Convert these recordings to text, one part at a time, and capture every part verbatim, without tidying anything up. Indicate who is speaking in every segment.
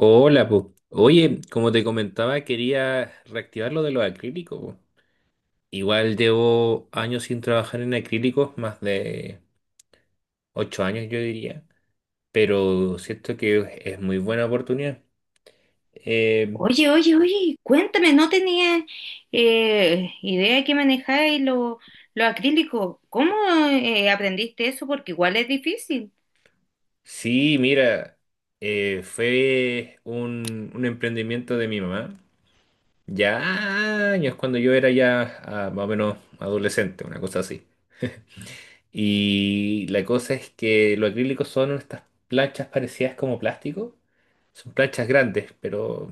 Speaker 1: Hola, po. Oye, como te comentaba, quería reactivar lo de los acrílicos, po. Igual llevo años sin trabajar en acrílicos, más de ocho años yo diría, pero siento que es muy buena oportunidad. Eh,
Speaker 2: Oye, oye, oye, cuéntame, no tenía eh, idea que manejáis lo, lo acrílico. ¿Cómo eh, aprendiste eso? Porque igual es difícil.
Speaker 1: sí, mira, eh, fue un, un emprendimiento de mi mamá, ya años cuando yo era ya ah, más o menos adolescente, una cosa así. Y la cosa es que los acrílicos son estas planchas parecidas como plástico. Son planchas grandes, pero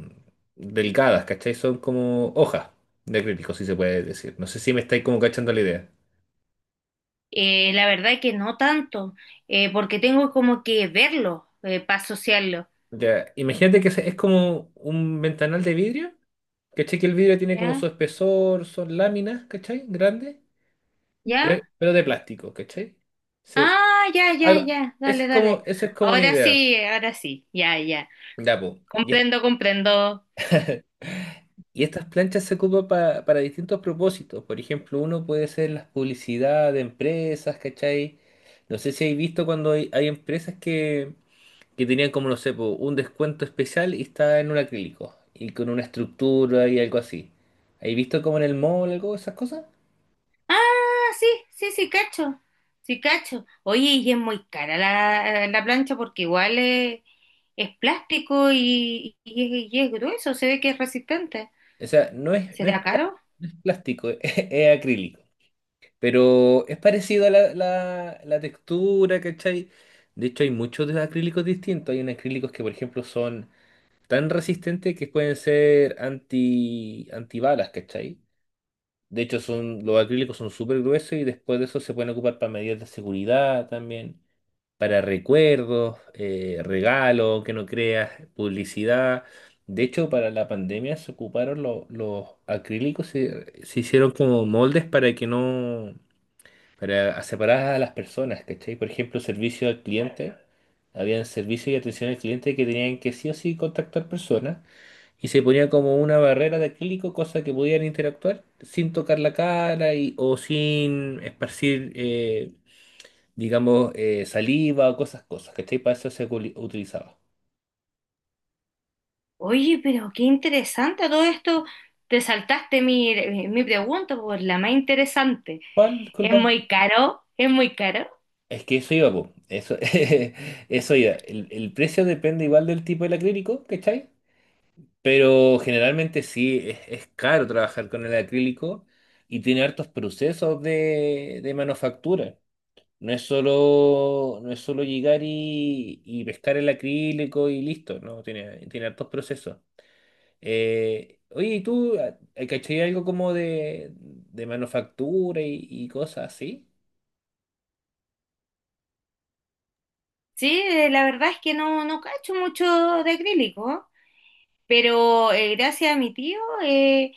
Speaker 1: delgadas, ¿cachai? Son como hojas de acrílico, si se puede decir. No sé si me estáis como cachando la idea.
Speaker 2: Eh, la verdad que no tanto, eh, porque tengo como que verlo eh, para asociarlo.
Speaker 1: Ya, imagínate que se- es como un ventanal de vidrio, ¿cachai? Que el vidrio tiene como
Speaker 2: ¿Ya?
Speaker 1: su espesor, son láminas, ¿cachai? Grandes, pero,
Speaker 2: ¿Ya?
Speaker 1: pero de plástico, ¿cachai? Sí,
Speaker 2: Ah, ya, ya,
Speaker 1: algo,
Speaker 2: ya.
Speaker 1: esa
Speaker 2: Dale,
Speaker 1: es
Speaker 2: dale.
Speaker 1: como, esa es como una
Speaker 2: Ahora
Speaker 1: idea.
Speaker 2: sí, ahora sí. Ya, ya.
Speaker 1: Ya, po. Y, es-
Speaker 2: Comprendo, comprendo.
Speaker 1: Y estas planchas se ocupan pa- para distintos propósitos. Por ejemplo, uno puede ser las publicidad de empresas, ¿cachai? No sé si hay visto cuando hay, hay empresas que, que tenían como, no sé, po, un descuento especial y está en un acrílico y con una estructura y algo así. ¿Hay visto como en el mall algo de esas cosas?
Speaker 2: Ah, sí, sí, sí, cacho. Sí, cacho. Oye, y es muy cara la, la plancha porque igual es, es plástico y, y es, y es grueso, se ve que es resistente.
Speaker 1: O sea, no es, no
Speaker 2: ¿Será
Speaker 1: es, pla-
Speaker 2: caro?
Speaker 1: no es plástico, es, es acrílico. Pero es parecido a la, la, la textura, ¿cachai? De hecho, hay muchos de acrílicos distintos. Hay unos acrílicos que, por ejemplo, son tan resistentes que pueden ser anti, antibalas, ¿cachai? De hecho, son, los acrílicos son súper gruesos y después de eso se pueden ocupar para medidas de seguridad también, para recuerdos, eh, regalos, que no creas, publicidad. De hecho, para la pandemia se ocuparon lo- los acrílicos, se, se hicieron como moldes para que no, para separar a las personas, ¿cachai? Por ejemplo, servicio al cliente. Habían servicio y atención al cliente que tenían que sí o sí contactar personas. Y se ponía como una barrera de acrílico, cosa que podían interactuar sin tocar la cara y, o sin esparcir, eh, digamos, eh, saliva o cosas, cosas, ¿cachai? Para eso se culi- utilizaba.
Speaker 2: Oye, pero qué interesante todo esto. Te saltaste mi, mi pregunta, por la más interesante.
Speaker 1: ¿Cuál?
Speaker 2: Es
Speaker 1: Disculpa.
Speaker 2: muy caro, es muy caro.
Speaker 1: Es que eso iba, po. Eso, eso iba. El, el precio depende igual del tipo del acrílico, ¿cachai? Pero generalmente sí, es, es caro trabajar con el acrílico y tiene hartos procesos de, de manufactura. No es solo, no es solo llegar y, y pescar el acrílico y listo, ¿no? Tiene, tiene hartos procesos. Eh, oye, ¿y tú ah, eh, cachai algo como de, de manufactura y, y cosas así?
Speaker 2: Sí, eh, la verdad es que no, no cacho mucho de acrílico, ¿eh? Pero eh, gracias a mi tío eh,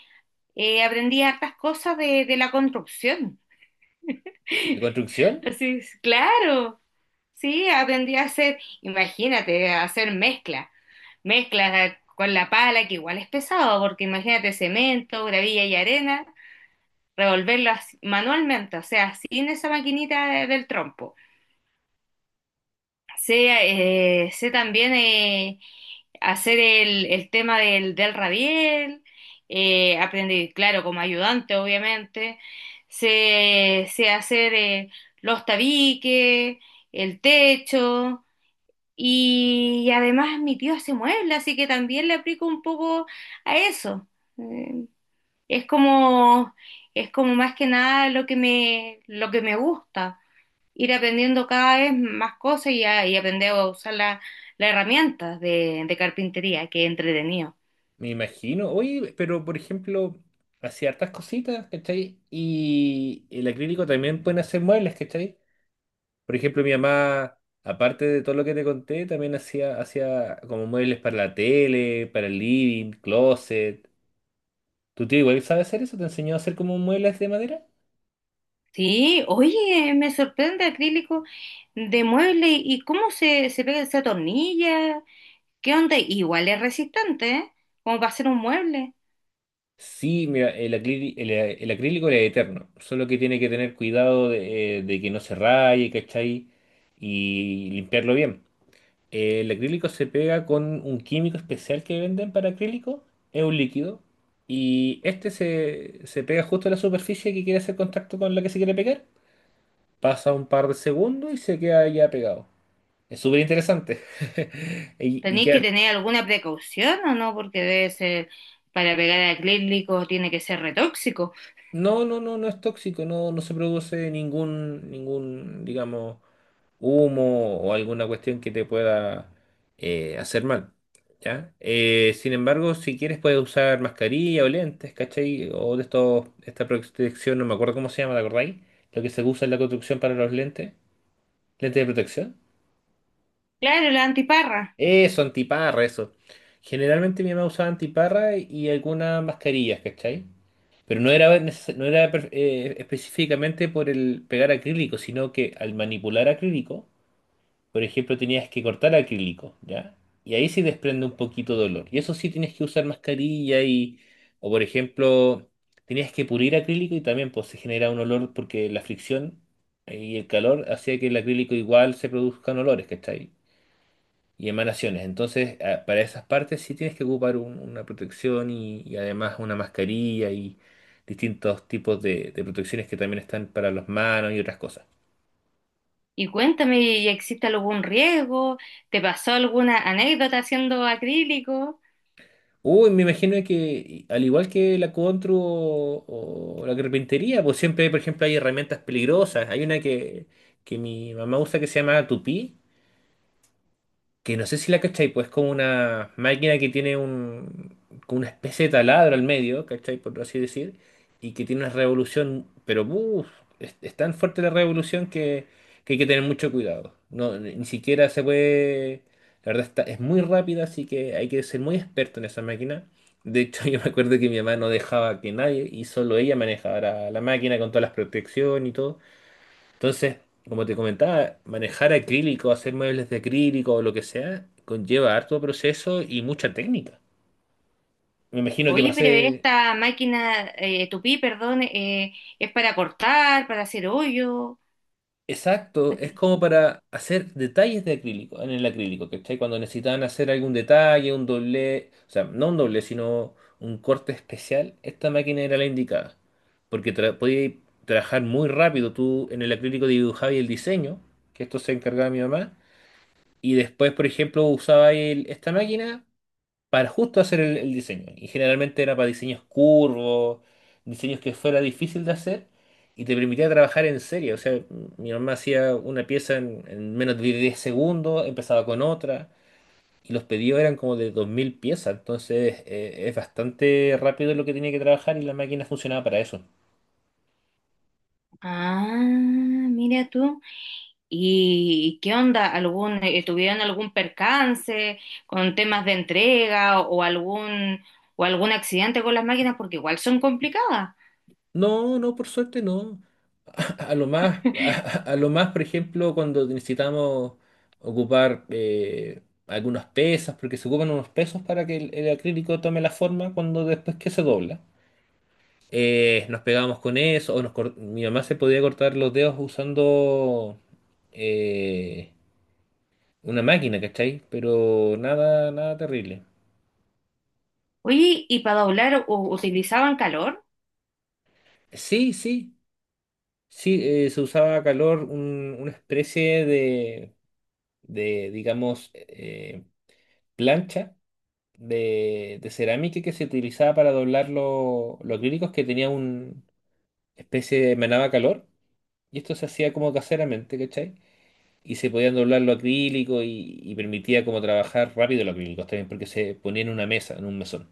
Speaker 2: Eh, aprendí hartas cosas de, de la construcción.
Speaker 1: ¿De construcción?
Speaker 2: Así es, claro. Sí, aprendí a hacer, imagínate, a hacer mezcla. Mezclas con la pala, que igual es pesado, porque imagínate cemento, gravilla y arena, revolverlas manualmente, o sea, sin esa maquinita de- del trompo. Sé, eh, sé también eh, hacer el, el tema del, del rabiel, eh, aprendí, claro, como ayudante, obviamente. Sé, sé hacer eh, los tabiques, el techo, y además mi tío hace muebles, así que también le aplico un poco a eso. Eh, es como, es como más que nada lo que me, lo que me gusta ir aprendiendo cada vez más cosas y, a- y aprender a usar la- las herramientas de, de carpintería, que es entretenido.
Speaker 1: Me imagino. Oye, pero por ejemplo, hacía hartas cositas, ¿cachai? Y el acrílico también pueden hacer muebles, ¿cachai? Por ejemplo, mi mamá, aparte de todo lo que te conté, también hacía, hacía como muebles para la tele, para el living, closet. ¿Tu tío igual sabe hacer eso? ¿Te enseñó a hacer como muebles de madera?
Speaker 2: Sí, oye, me sorprende acrílico de mueble y cómo se, se pega, se atornilla, qué onda, igual es resistente, ¿eh? Como para hacer un mueble.
Speaker 1: Sí, mira, el, acrí- el, el acrílico es eterno, solo que tiene que tener cuidado de, eh, de que no se raye, ¿cachai? Y limpiarlo bien. El acrílico se pega con un químico especial que venden para acrílico, es un líquido, y este se, se pega justo a la superficie que quiere hacer contacto con la que se quiere pegar, pasa un par de segundos y se queda ya pegado. Es súper interesante. Y, y
Speaker 2: Tenéis que
Speaker 1: queda.
Speaker 2: tener alguna precaución o no, porque debe ser, para pegar acrílico tiene que ser retóxico.
Speaker 1: No, no, no, no es tóxico, no, no se produce ningún, ningún, digamos, humo o alguna cuestión que te pueda eh, hacer mal, ¿ya? Eh, sin embargo, si quieres puedes usar mascarilla o lentes, ¿cachai? O de estos, esta protección, no me acuerdo cómo se llama, ¿te acordáis? Lo que se usa en la construcción para los lentes, lentes de protección.
Speaker 2: Claro, la antiparra.
Speaker 1: Eso, antiparra, eso. Generalmente mi mamá usaba antiparra y algunas mascarillas, ¿cachai? Pero no era, neces- no era per- eh, específicamente por el pegar acrílico, sino que al manipular acrílico, por ejemplo, tenías que cortar acrílico, ¿ya? Y ahí sí desprende un poquito de dolor. Y eso sí tienes que usar mascarilla y, o por ejemplo, tenías que pulir acrílico y también pues, se genera un olor porque la fricción y el calor hacía que el acrílico igual se produzcan olores, ¿cachai? Y emanaciones. Entonces, a- para esas partes sí tienes que ocupar un- una protección y, y además una mascarilla y distintos tipos de, de protecciones que también están para las manos y otras cosas.
Speaker 2: Y cuéntame, ¿y ¿existe algún riesgo? ¿Te pasó alguna anécdota haciendo acrílico?
Speaker 1: Uy, me imagino que y- al igual que la contru o, o la carpintería, pues siempre, por ejemplo, hay herramientas peligrosas. Hay una que, que mi mamá usa que se llama tupí que no sé si la cachai, pues es como una máquina que tiene un, como una especie de taladro al medio, ¿cachai? Por así decir, y que tiene una revolución, pero uff, es, es tan fuerte la revolución que, que hay que tener mucho cuidado. No, ni ni siquiera se puede, la verdad está, es muy rápida, así que hay que ser muy experto en esa máquina. De hecho, yo me acuerdo que mi mamá no dejaba que nadie, y solo ella manejara la máquina con todas las protecciones y todo. Entonces, como te comentaba, manejar acrílico, hacer muebles de acrílico o lo que sea, conlleva harto proceso y mucha técnica. Me imagino que va a
Speaker 2: Oye, pero
Speaker 1: ser
Speaker 2: esta máquina, eh, tupí, perdón, eh, es para cortar, para hacer hoyo.
Speaker 1: exacto, es
Speaker 2: Aquí.
Speaker 1: como para hacer detalles de acrílico, en el acrílico, ¿cachai? Cuando necesitaban hacer algún detalle, un doble, o sea, no un doble, sino un corte especial, esta máquina era la indicada, porque tra podía trabajar muy rápido, tú en el acrílico dibujabas el diseño, que esto se encargaba mi mamá, y después, por ejemplo, usaba el- esta máquina para justo hacer el, el diseño. Y generalmente era para diseños curvos, diseños que fuera difícil de hacer y te permitía trabajar en serie. O sea, m- mi mamá hacía una pieza en, en menos de diez segundos, empezaba con otra y los pedidos eran como de dos mil piezas. Entonces eh, es bastante rápido lo que tenía que trabajar y la máquina funcionaba para eso.
Speaker 2: Ah, mira tú. ¿Y qué onda? ¿Algún, eh, ¿tuvieron algún percance con temas de entrega o, o algún o algún accidente con las máquinas? Porque igual son complicadas.
Speaker 1: No, no, por suerte no. A lo más, a, a lo más, por ejemplo, cuando necesitamos ocupar eh, algunos pesos, porque se ocupan unos pesos para que el, el acrílico tome la forma cuando después que se dobla. Eh, nos pegábamos con eso, o nos cor- mi mamá se podía cortar los dedos usando eh, una máquina, ¿cachai? Pero nada, nada terrible.
Speaker 2: Oye, ¿y para doblar u- utilizaban calor?
Speaker 1: Sí, sí, sí, eh, se usaba a calor un- una especie de, de digamos, eh, plancha de, de cerámica que se utilizaba para doblar lo- los acrílicos que tenía una especie de emanaba calor. Y esto se hacía como caseramente, ¿cachai? Y se podían doblar los acrílicos y, y permitía como trabajar rápido los acrílicos también, porque se ponía en una mesa, en un mesón.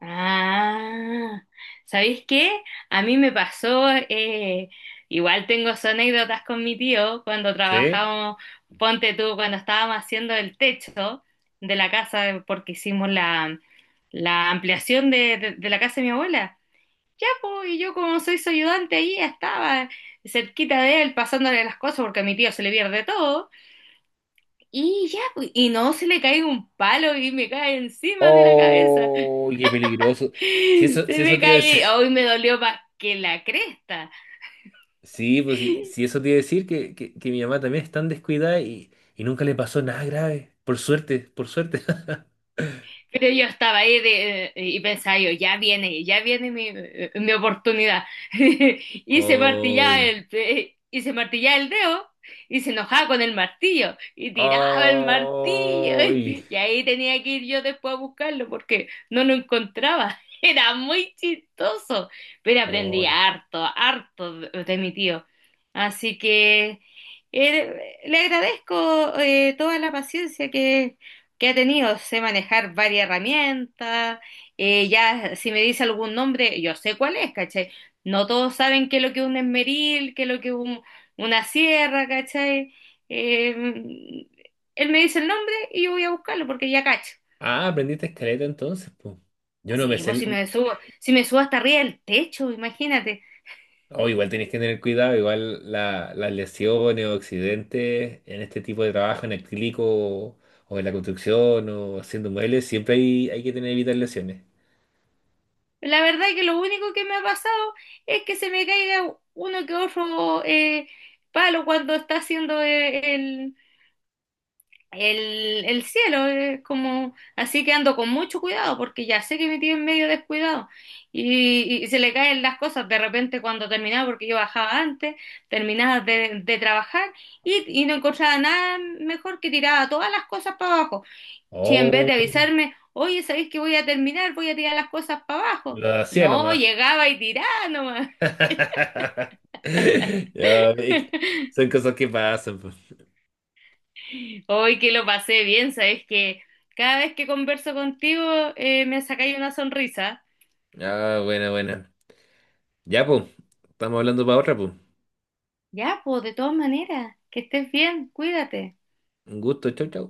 Speaker 2: Ah, ¿sabéis qué? A mí me pasó, eh, igual tengo sus anécdotas con mi tío cuando
Speaker 1: ¿Sí?
Speaker 2: trabajábamos, ponte tú, cuando estábamos haciendo el techo de la casa porque hicimos la, la ampliación de, de- de la casa de mi abuela. Ya, po. Y yo como soy su ayudante ahí estaba cerquita de él pasándole las cosas porque a mi tío se le pierde todo. Y ya, pues, y no se le cae un palo y me cae encima de la cabeza.
Speaker 1: ¡Oh! ¡Qué peligroso! Si
Speaker 2: Se
Speaker 1: eso, si eso
Speaker 2: me
Speaker 1: te iba a decir.
Speaker 2: cae, hoy me dolió más que la cresta.
Speaker 1: Sí, pues si, si eso te iba a decir que, que, que mi mamá también es tan descuidada y, y nunca le pasó nada grave. Por suerte, por suerte.
Speaker 2: Pero yo estaba ahí de- eh, y pensaba yo, ya viene, ya viene mi, eh, mi oportunidad. Y se martillaba
Speaker 1: ¡Ay!
Speaker 2: el, y se martillaba el dedo y se enojaba con el martillo y tiraba el martillo.
Speaker 1: Ay,
Speaker 2: Y ahí tenía que ir yo después a buscarlo porque no lo encontraba. Era muy chistoso, pero aprendí
Speaker 1: ay.
Speaker 2: harto, harto de, de mi tío. Así que eh, le agradezco eh, toda la paciencia que que ha tenido. Sé manejar varias herramientas, eh, ya si me dice algún nombre, yo sé cuál es, ¿cachai? No todos saben qué es lo que es un esmeril, qué es lo que es un- una sierra, ¿cachai? Eh, Él me dice el nombre y yo voy a buscarlo porque ya cacho.
Speaker 1: Ah, aprendiste escaleta entonces, pues. Yo no me
Speaker 2: Sí,
Speaker 1: sé.
Speaker 2: pues si
Speaker 1: El-
Speaker 2: me subo, si me subo hasta arriba del techo, imagínate.
Speaker 1: Oh, igual tenés que tener cuidado, igual la- las lesiones o accidentes en este tipo de trabajo, en el acrílico o en la construcción o haciendo muebles, siempre hay, hay que tener evitar lesiones.
Speaker 2: La verdad que lo único que me ha pasado es que se me caiga uno que otro eh, palo cuando está haciendo eh, el, el, el cielo, es como, así que ando con mucho cuidado porque ya sé que me tienen medio descuidado y, y se le caen las cosas de repente cuando terminaba, porque yo bajaba antes, terminaba de, de trabajar y, y no encontraba nada mejor que tiraba todas las cosas para abajo. Si en vez
Speaker 1: Oh,
Speaker 2: de avisarme, oye, ¿sabéis que voy a terminar? Voy a tirar las cosas para abajo.
Speaker 1: lo hacía
Speaker 2: No,
Speaker 1: nomás.
Speaker 2: llegaba y tiraba nomás.
Speaker 1: Ya, es que son cosas que pasan, pues.
Speaker 2: Hoy que lo pasé bien, ¿sabéis que cada vez que converso contigo eh, me sacáis una sonrisa?
Speaker 1: Ah, bueno, bueno. Ya, pues. Estamos hablando para otra, pues.
Speaker 2: Ya, pues, de todas maneras, que estés bien, cuídate.
Speaker 1: Un gusto, chau, chau.